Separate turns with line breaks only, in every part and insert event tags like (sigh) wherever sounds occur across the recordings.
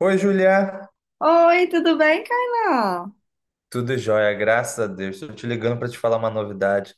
Oi, Julia.
Oi, tudo bem, Kainan?
Tudo jóia, graças a Deus. Estou te ligando para te falar uma novidade.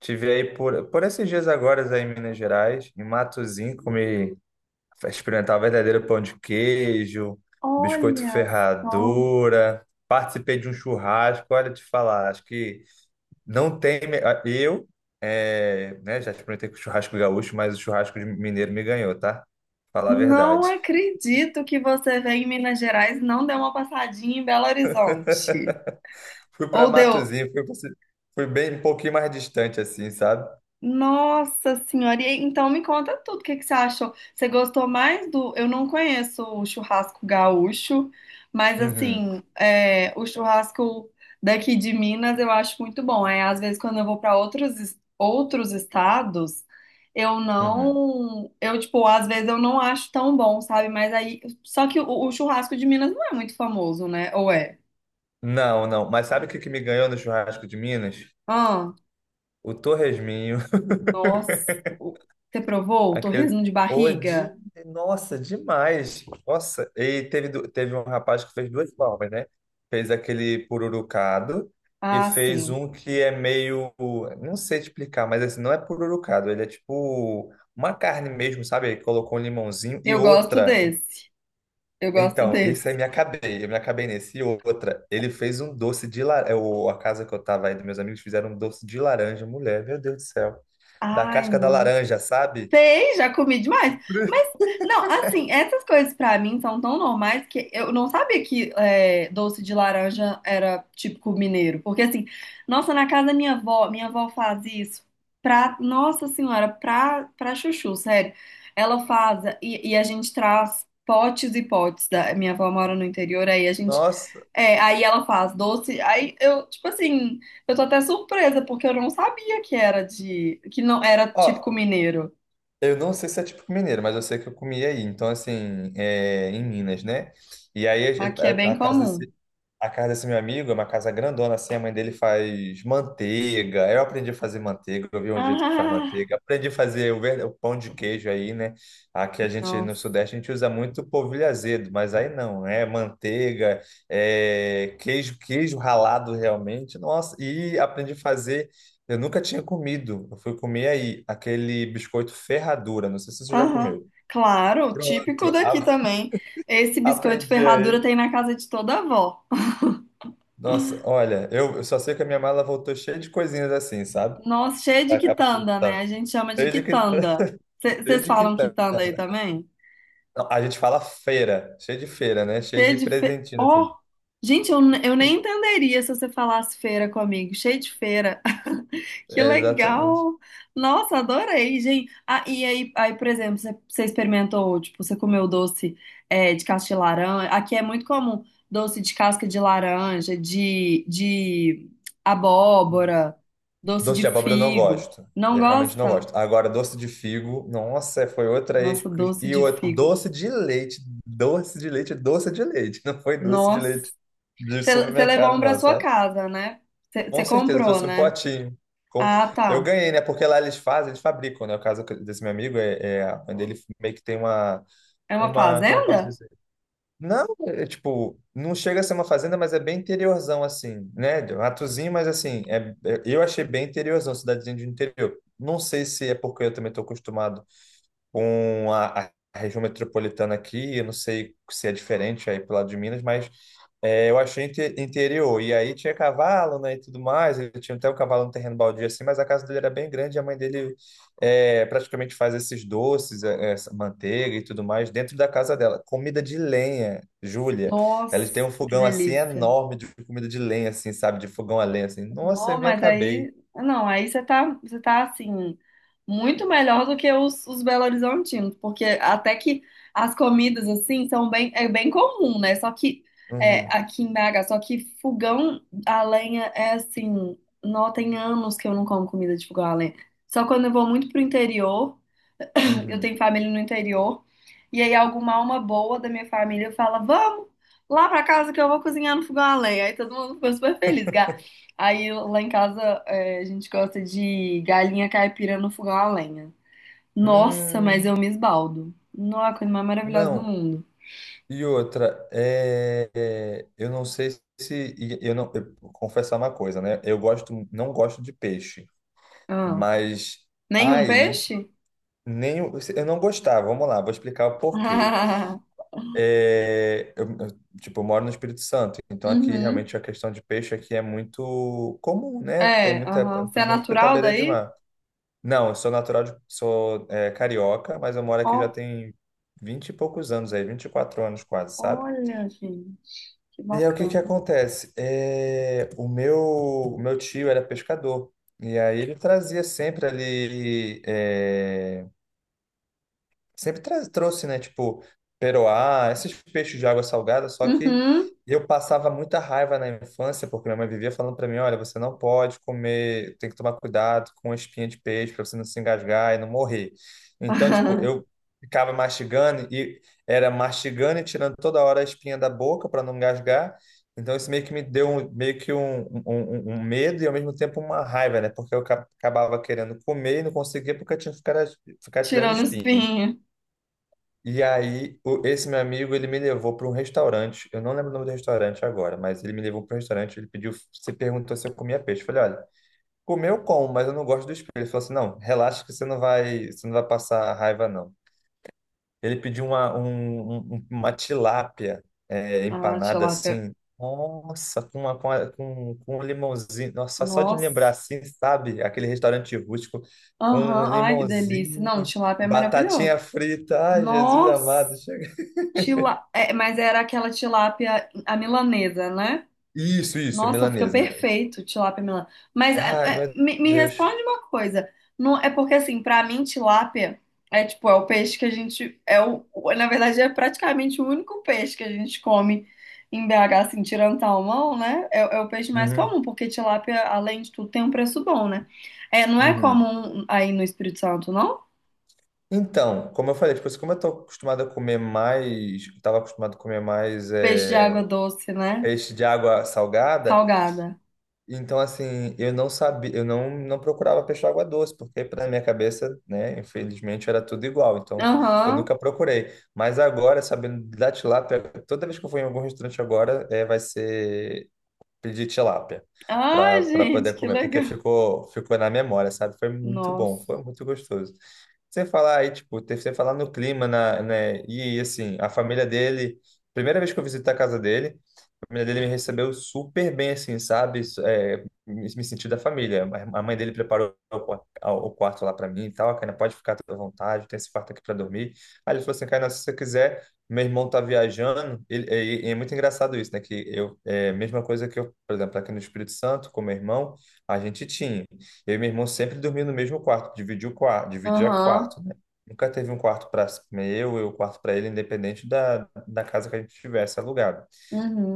Tive aí por esses dias agora aí em Minas Gerais, em Matozinhos, experimentar verdadeiro pão de queijo, biscoito
Olha só.
ferradura, participei de um churrasco. Olha, te falar, acho que não tem. Eu, é, né, já experimentei com churrasco gaúcho, mas o churrasco de mineiro me ganhou, tá? Falar a
Não
verdade.
acredito que você veio em Minas Gerais e não deu uma passadinha em Belo Horizonte.
(laughs) Fui para
Ou deu,
Matozinhos, fui bem um pouquinho mais distante, assim, sabe?
nossa senhora, e então me conta tudo, o que que você achou? Você gostou mais do... Eu não conheço o churrasco gaúcho, mas
Uhum,
assim, é, o churrasco daqui de Minas eu acho muito bom. É, às vezes quando eu vou para outros, outros estados, eu
uhum.
não... Eu, tipo, às vezes eu não acho tão bom, sabe? Mas aí... Só que o churrasco de Minas não é muito famoso, né? Ou é?
Não, não. Mas sabe o que, que me ganhou no churrasco de Minas?
Ah,
O torresminho. (laughs)
nossa, você provou o
Aquele.
torresmo de
Ô,
barriga?
de... Nossa, demais. Nossa. E teve um rapaz que fez duas formas, né? Fez aquele pururucado e
Ah,
fez
sim.
um que é meio. Não sei te explicar, mas assim, não é pururucado. Ele é tipo uma carne mesmo, sabe? Ele colocou um limãozinho e
Eu gosto
outra.
desse. Eu gosto
Então, esse aí
desse.
me acabei, eu me acabei nesse. E outra, ele fez um doce de laranja. A casa que eu tava aí, dos meus amigos fizeram um doce de laranja, mulher, meu Deus do céu. Da
Ai,
casca da
não.
laranja, sabe?
Sei, já comi demais. Mas,
(laughs)
não, assim, essas coisas pra mim são tão normais que eu não sabia que é, doce de laranja era típico mineiro. Porque, assim, nossa, na casa da minha avó faz isso pra, nossa senhora, pra chuchu, sério. Ela faz e a gente traz potes e potes. Minha avó mora no interior, aí a gente
Nossa.
Aí ela faz doce. Aí eu, tipo assim, eu tô até surpresa, porque eu não sabia que era de, que não era
Ó,
típico mineiro.
eu não sei se é típico mineiro, mas eu sei que eu comi aí. Então, assim, é, em Minas, né? E aí
Aqui é bem comum.
a casa desse meu amigo é uma casa grandona, assim, a mãe dele faz manteiga. Eu aprendi a fazer manteiga, eu vi um jeito que faz
Ah,
manteiga. Aprendi a fazer o pão de queijo aí, né? Aqui a gente, no
nossa.
Sudeste, a gente usa muito polvilho azedo, mas aí não, é manteiga, é queijo, queijo ralado realmente. Nossa, e aprendi a fazer, eu nunca tinha comido, eu fui comer aí, aquele biscoito ferradura, não sei se você já
Aham.
comeu.
Claro, típico
Pronto,
daqui também. Esse biscoito
aprendi
ferradura
aí.
tem na casa de toda avó.
Nossa, olha, eu só sei que a minha mala voltou cheia de coisinhas assim, sabe?
Nossa, cheio de
Pra cá, pro Espírito
quitanda, né? A
Santo.
gente chama de
Cheio de
quitanda.
quitanda, (laughs) cheio
Vocês
de
falam
quitanda.
quitanda aí também?
Não, a gente fala feira, cheio de feira, né? Cheio
Cheio
de
de fe...
presentinho, assim.
Ó, gente, eu, eu nem entenderia se você falasse feira comigo. Cheio de feira. Que
É, exatamente.
legal! Nossa, adorei, gente. Ah, e aí, aí, por exemplo, você experimentou, tipo, você comeu doce é, de casca de laranja. Aqui é muito comum doce de casca de laranja, de abóbora, doce
Doce
de
de abóbora eu não
figo.
gosto.
Não
Eu realmente não
gosta?
gosto. Agora, doce de figo, nossa, foi outra ex.
Nossa, doce
E
de
outra,
figo.
doce de leite, doce de leite, doce de leite. Não foi doce de
Nossa.
leite de
Você levou um
supermercado,
pra
não,
sua
sabe?
casa, né? Você,
Com
você
certeza, eu
comprou,
trouxe um
né?
potinho. Com-
Ah,
Eu
tá.
ganhei, né? Porque lá eles fazem, eles fabricam, né? O caso desse meu amigo é a mãe dele meio que tem uma,
É uma
uma, como eu posso
fazenda?
dizer? Não, é tipo, não chega a ser uma fazenda, mas é bem interiorzão, assim, né? Ratozinho, mas assim, eu achei bem interiorzão, cidadezinha de interior. Não sei se é porque eu também estou acostumado com a região metropolitana aqui, eu não sei se é diferente aí pro lado de Minas, mas eu achei interior. E aí tinha cavalo, né, e tudo mais. Ele tinha até um cavalo no terreno baldio assim, mas a casa dele era bem grande. E a mãe dele praticamente faz esses doces, essa manteiga e tudo mais dentro da casa dela. Comida de lenha, Júlia.
Nossa,
Ela tem um
que
fogão assim
delícia.
enorme de comida de lenha, assim, sabe, de fogão a lenha, assim. Nossa,
Não,
eu me
mas
acabei.
aí, não, aí você tá assim, muito melhor do que os Belo Horizontinos, porque até que as comidas assim são bem, é bem comum, né? Só que
Uhum,
aqui em BH, só que fogão a lenha é assim, não tem anos que eu não como comida de fogão a lenha. Só quando eu vou muito pro interior eu tenho
uhum.
família no interior. E aí alguma alma boa da minha família fala: "Vamos lá pra casa que eu vou cozinhar no fogão a lenha". Aí todo mundo ficou super feliz. Aí lá em casa a gente gosta de galinha caipira no fogão a lenha. Nossa, mas
Hum,
eu me esbaldo. Nossa, a coisa mais maravilhosa do
não.
mundo.
E outra, eu não sei, se e eu não eu, vou confessar uma coisa, né? Eu gosto, não gosto de peixe,
Ah,
mas
nenhum
aí
peixe?
nem o- eu não gostava. Vamos lá, vou explicar o porquê.
(laughs)
Eu, tipo, eu moro no Espírito Santo, então aqui
Uhum.
realmente a questão de peixe aqui é muito comum, né? Tem
É,
muita,
aham. Você é
principalmente porque tá à
natural
beira de
daí?
mar. Não, eu sou natural de, carioca, mas eu moro aqui já
Ó,
tem vinte e poucos anos aí, 24 anos quase, sabe?
olha, gente, que
E aí, o que que
bacana.
acontece? O meu tio era pescador, e aí ele trazia sempre ali trouxe, né? Tipo, peroá, esses peixes de água salgada, só que
Uhum.
eu passava muita raiva na infância, porque minha mãe vivia falando para mim, olha, você não pode comer, tem que tomar cuidado com a espinha de peixe para você não se engasgar e não morrer. Então, tipo,
(laughs)
eu ficava mastigando e era mastigando e tirando toda hora a espinha da boca para não engasgar. Então, isso meio que me deu um- meio que um- um um medo e, ao mesmo tempo, uma raiva, né? Porque eu acabava querendo comer e não conseguia porque eu tinha que ficar tirando
Tirando
espinha.
espinho.
E aí, esse meu amigo, ele me levou para um restaurante. Eu não lembro o nome do restaurante agora, mas ele me levou para um restaurante. Ele pediu, se perguntou se eu comia peixe. Eu falei, olha, comer eu como, mas eu não gosto dos peixes. Ele falou assim, não, relaxa que você não vai passar raiva, não. Ele pediu uma, um- um, uma tilápia
Ah,
empanada
tilápia.
assim. Nossa, com, uma, com, a- com, com um limãozinho. Nossa, só de lembrar
Nossa.
assim, sabe? Aquele restaurante rústico com um
Aham. Ai, que delícia.
limãozinho,
Não, tilápia é
batatinha
maravilhoso.
frita. Ai, Jesus
Nossa.
amado.
Tila... É, mas era aquela tilápia a milanesa, né?
Isso,
Nossa, fica
milanesa, né?
perfeito, tilápia melã. Mas
Ai, meu
me
Deus.
responde uma coisa. Não, é porque assim, pra mim tilápia é tipo, é o peixe que a gente é na verdade é praticamente o único peixe que a gente come em BH, assim, tirando salmão, né? É, é o peixe mais
Uhum,
comum, porque tilápia, além de tudo, tem um preço bom, né? É, não é
uhum.
comum aí no Espírito Santo, não?
Então, como eu falei, tipo, assim, como eu tô acostumado a comer mais, estava acostumado a comer mais
Peixe de água doce, né?
peixe de água salgada,
Salgada.
então assim, eu não sabia, eu não procurava peixe de água doce, porque para minha cabeça, né, infelizmente era tudo igual, então eu
Aham.
nunca procurei. Mas agora, sabendo da tilápia, toda vez que eu for em algum restaurante agora, vai ser pedi tilápia
Ai,
para
gente,
poder
que
comer, porque
legal.
ficou na memória, sabe? Foi muito bom, foi
Nossa.
muito gostoso. Você falar aí, tipo, você falar no clima, na, né? E assim, a família dele, primeira vez que eu visitei a casa dele, a família dele me recebeu super bem, assim, sabe? Isso, me senti da família. A mãe dele preparou o quarto lá para mim e tal. A Kaina pode ficar toda à vontade, tem esse quarto aqui para dormir. Aí ele falou assim: Kaina, se você quiser, meu irmão tá viajando. É muito engraçado isso, né? Que eu, é a mesma coisa que eu, por exemplo, aqui no Espírito Santo, com meu irmão, a gente tinha. Eu e meu irmão sempre dormia no mesmo quarto, dividia o quarto, dividia
Aham.
quarto, né? Nunca teve um quarto para eu e o quarto para ele, independente da casa que a gente tivesse alugado.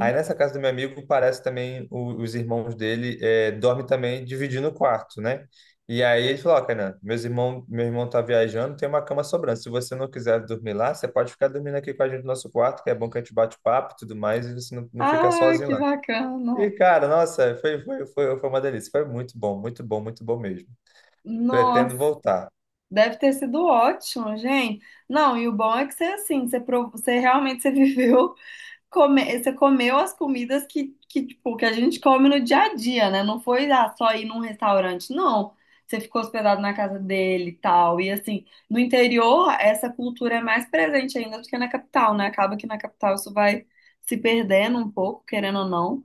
Aí nessa casa do meu amigo parece também os irmãos dele dormem também dividindo o quarto, né? E aí ele falou, ó, Kainan, meu irmão tá viajando, tem uma cama sobrando. Se você não quiser dormir lá, você pode ficar dormindo aqui com a gente no nosso quarto, que é bom que a gente bate papo e tudo mais, e você não fica
Ah,
sozinho
que
lá. E,
bacana!
cara, nossa, foi uma delícia. Foi muito bom, muito bom, muito bom mesmo. Pretendo
Nossa,
voltar.
deve ter sido ótimo, gente. Não, e o bom é que você assim, você realmente você (laughs) viveu, você comeu as comidas tipo, que a gente come no dia a dia, né? Não foi só ir num restaurante, não. Você ficou hospedado na casa dele e tal. E assim, no interior, essa cultura é mais presente ainda do que na capital, né? Acaba que na capital isso vai se perdendo um pouco, querendo ou não.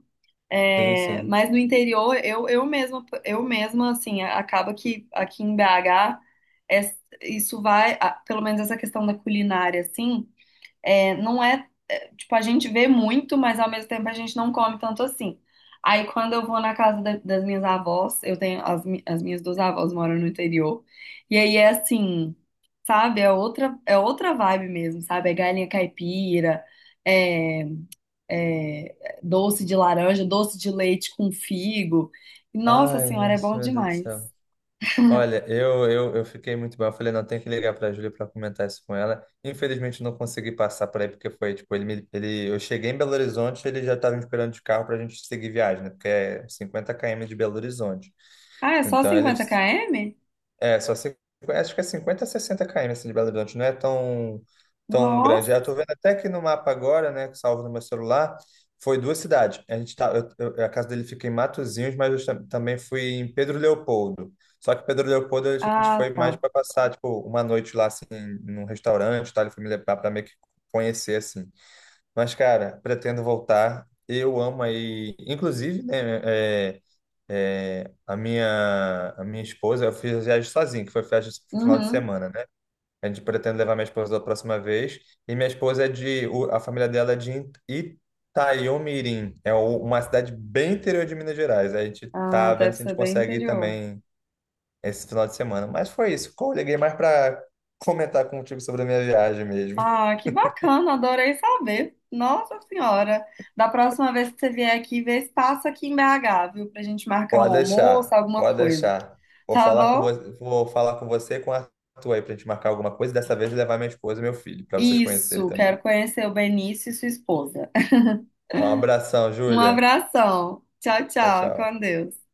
Sim,
É,
sim.
mas no interior, eu mesma, assim, acaba que aqui em BH, é- isso vai, pelo menos essa questão da culinária, assim, é, não é, é, tipo, a gente vê muito, mas ao mesmo tempo a gente não come tanto assim. Aí quando eu vou na casa das minhas avós, eu tenho, as minhas duas avós moram no interior, e aí é assim, sabe, é outra vibe mesmo, sabe, é galinha caipira, é, doce de laranja, doce de leite com figo. Nossa
Ai,
senhora, é
nossa,
bom
meu Deus do
demais.
céu. Olha, eu fiquei muito bem. Eu falei, não, tem que ligar para a Júlia para comentar isso com ela. Infelizmente, não consegui passar por aí, porque foi, tipo, eu cheguei em Belo Horizonte, ele já estava me esperando de carro para a gente seguir viagem, né? Porque é 50 km de Belo Horizonte.
Ah, é só
Então, ele
50 km?
é, só cin- acho que é 50 a 60 km assim, de Belo Horizonte, não é tão, tão grande.
Nossa.
Eu tô vendo até que no mapa agora, né, que salvo no meu celular, foi duas cidades. A gente tá, eu- A casa dele fica em Matozinhos, mas eu também fui em Pedro Leopoldo. Só que Pedro Leopoldo a gente foi
Ah,
mais
tá.
para passar, tipo, uma noite lá, assim, num restaurante, tá? Ele foi me levar para meio que conhecer, assim. Mas, cara, pretendo voltar. Eu amo aí, inclusive, né? é, a minha esposa, eu fiz a viagem sozinho, que foi viagem no final de
Uhum.
semana, né? A gente pretende levar minha esposa da próxima vez. E minha esposa é a família dela é de Itaiomirim, é uma cidade bem interior de Minas Gerais. A gente
Ah,
tá vendo
deve
se a gente
ser bem
consegue ir
interior.
também esse final de semana. Mas foi isso. Eu liguei mais para comentar contigo sobre a minha viagem mesmo.
Ah, que bacana, adorei saber. Nossa senhora. Da próxima vez que você vier aqui, vê se passa aqui em BH, viu? Pra gente marcar um
Pode
almoço,
deixar,
alguma
pode
coisa.
deixar. Vou
Tá
falar com
bom?
você, vou falar com você e com a Arthur aí pra gente marcar alguma coisa. Dessa vez levar minha esposa e meu filho, para vocês conhecerem
Isso,
também.
quero conhecer o Benício e sua esposa.
Um abração,
Um
Júlia.
abração. Tchau,
Tchau,
tchau.
tchau.
Com Deus.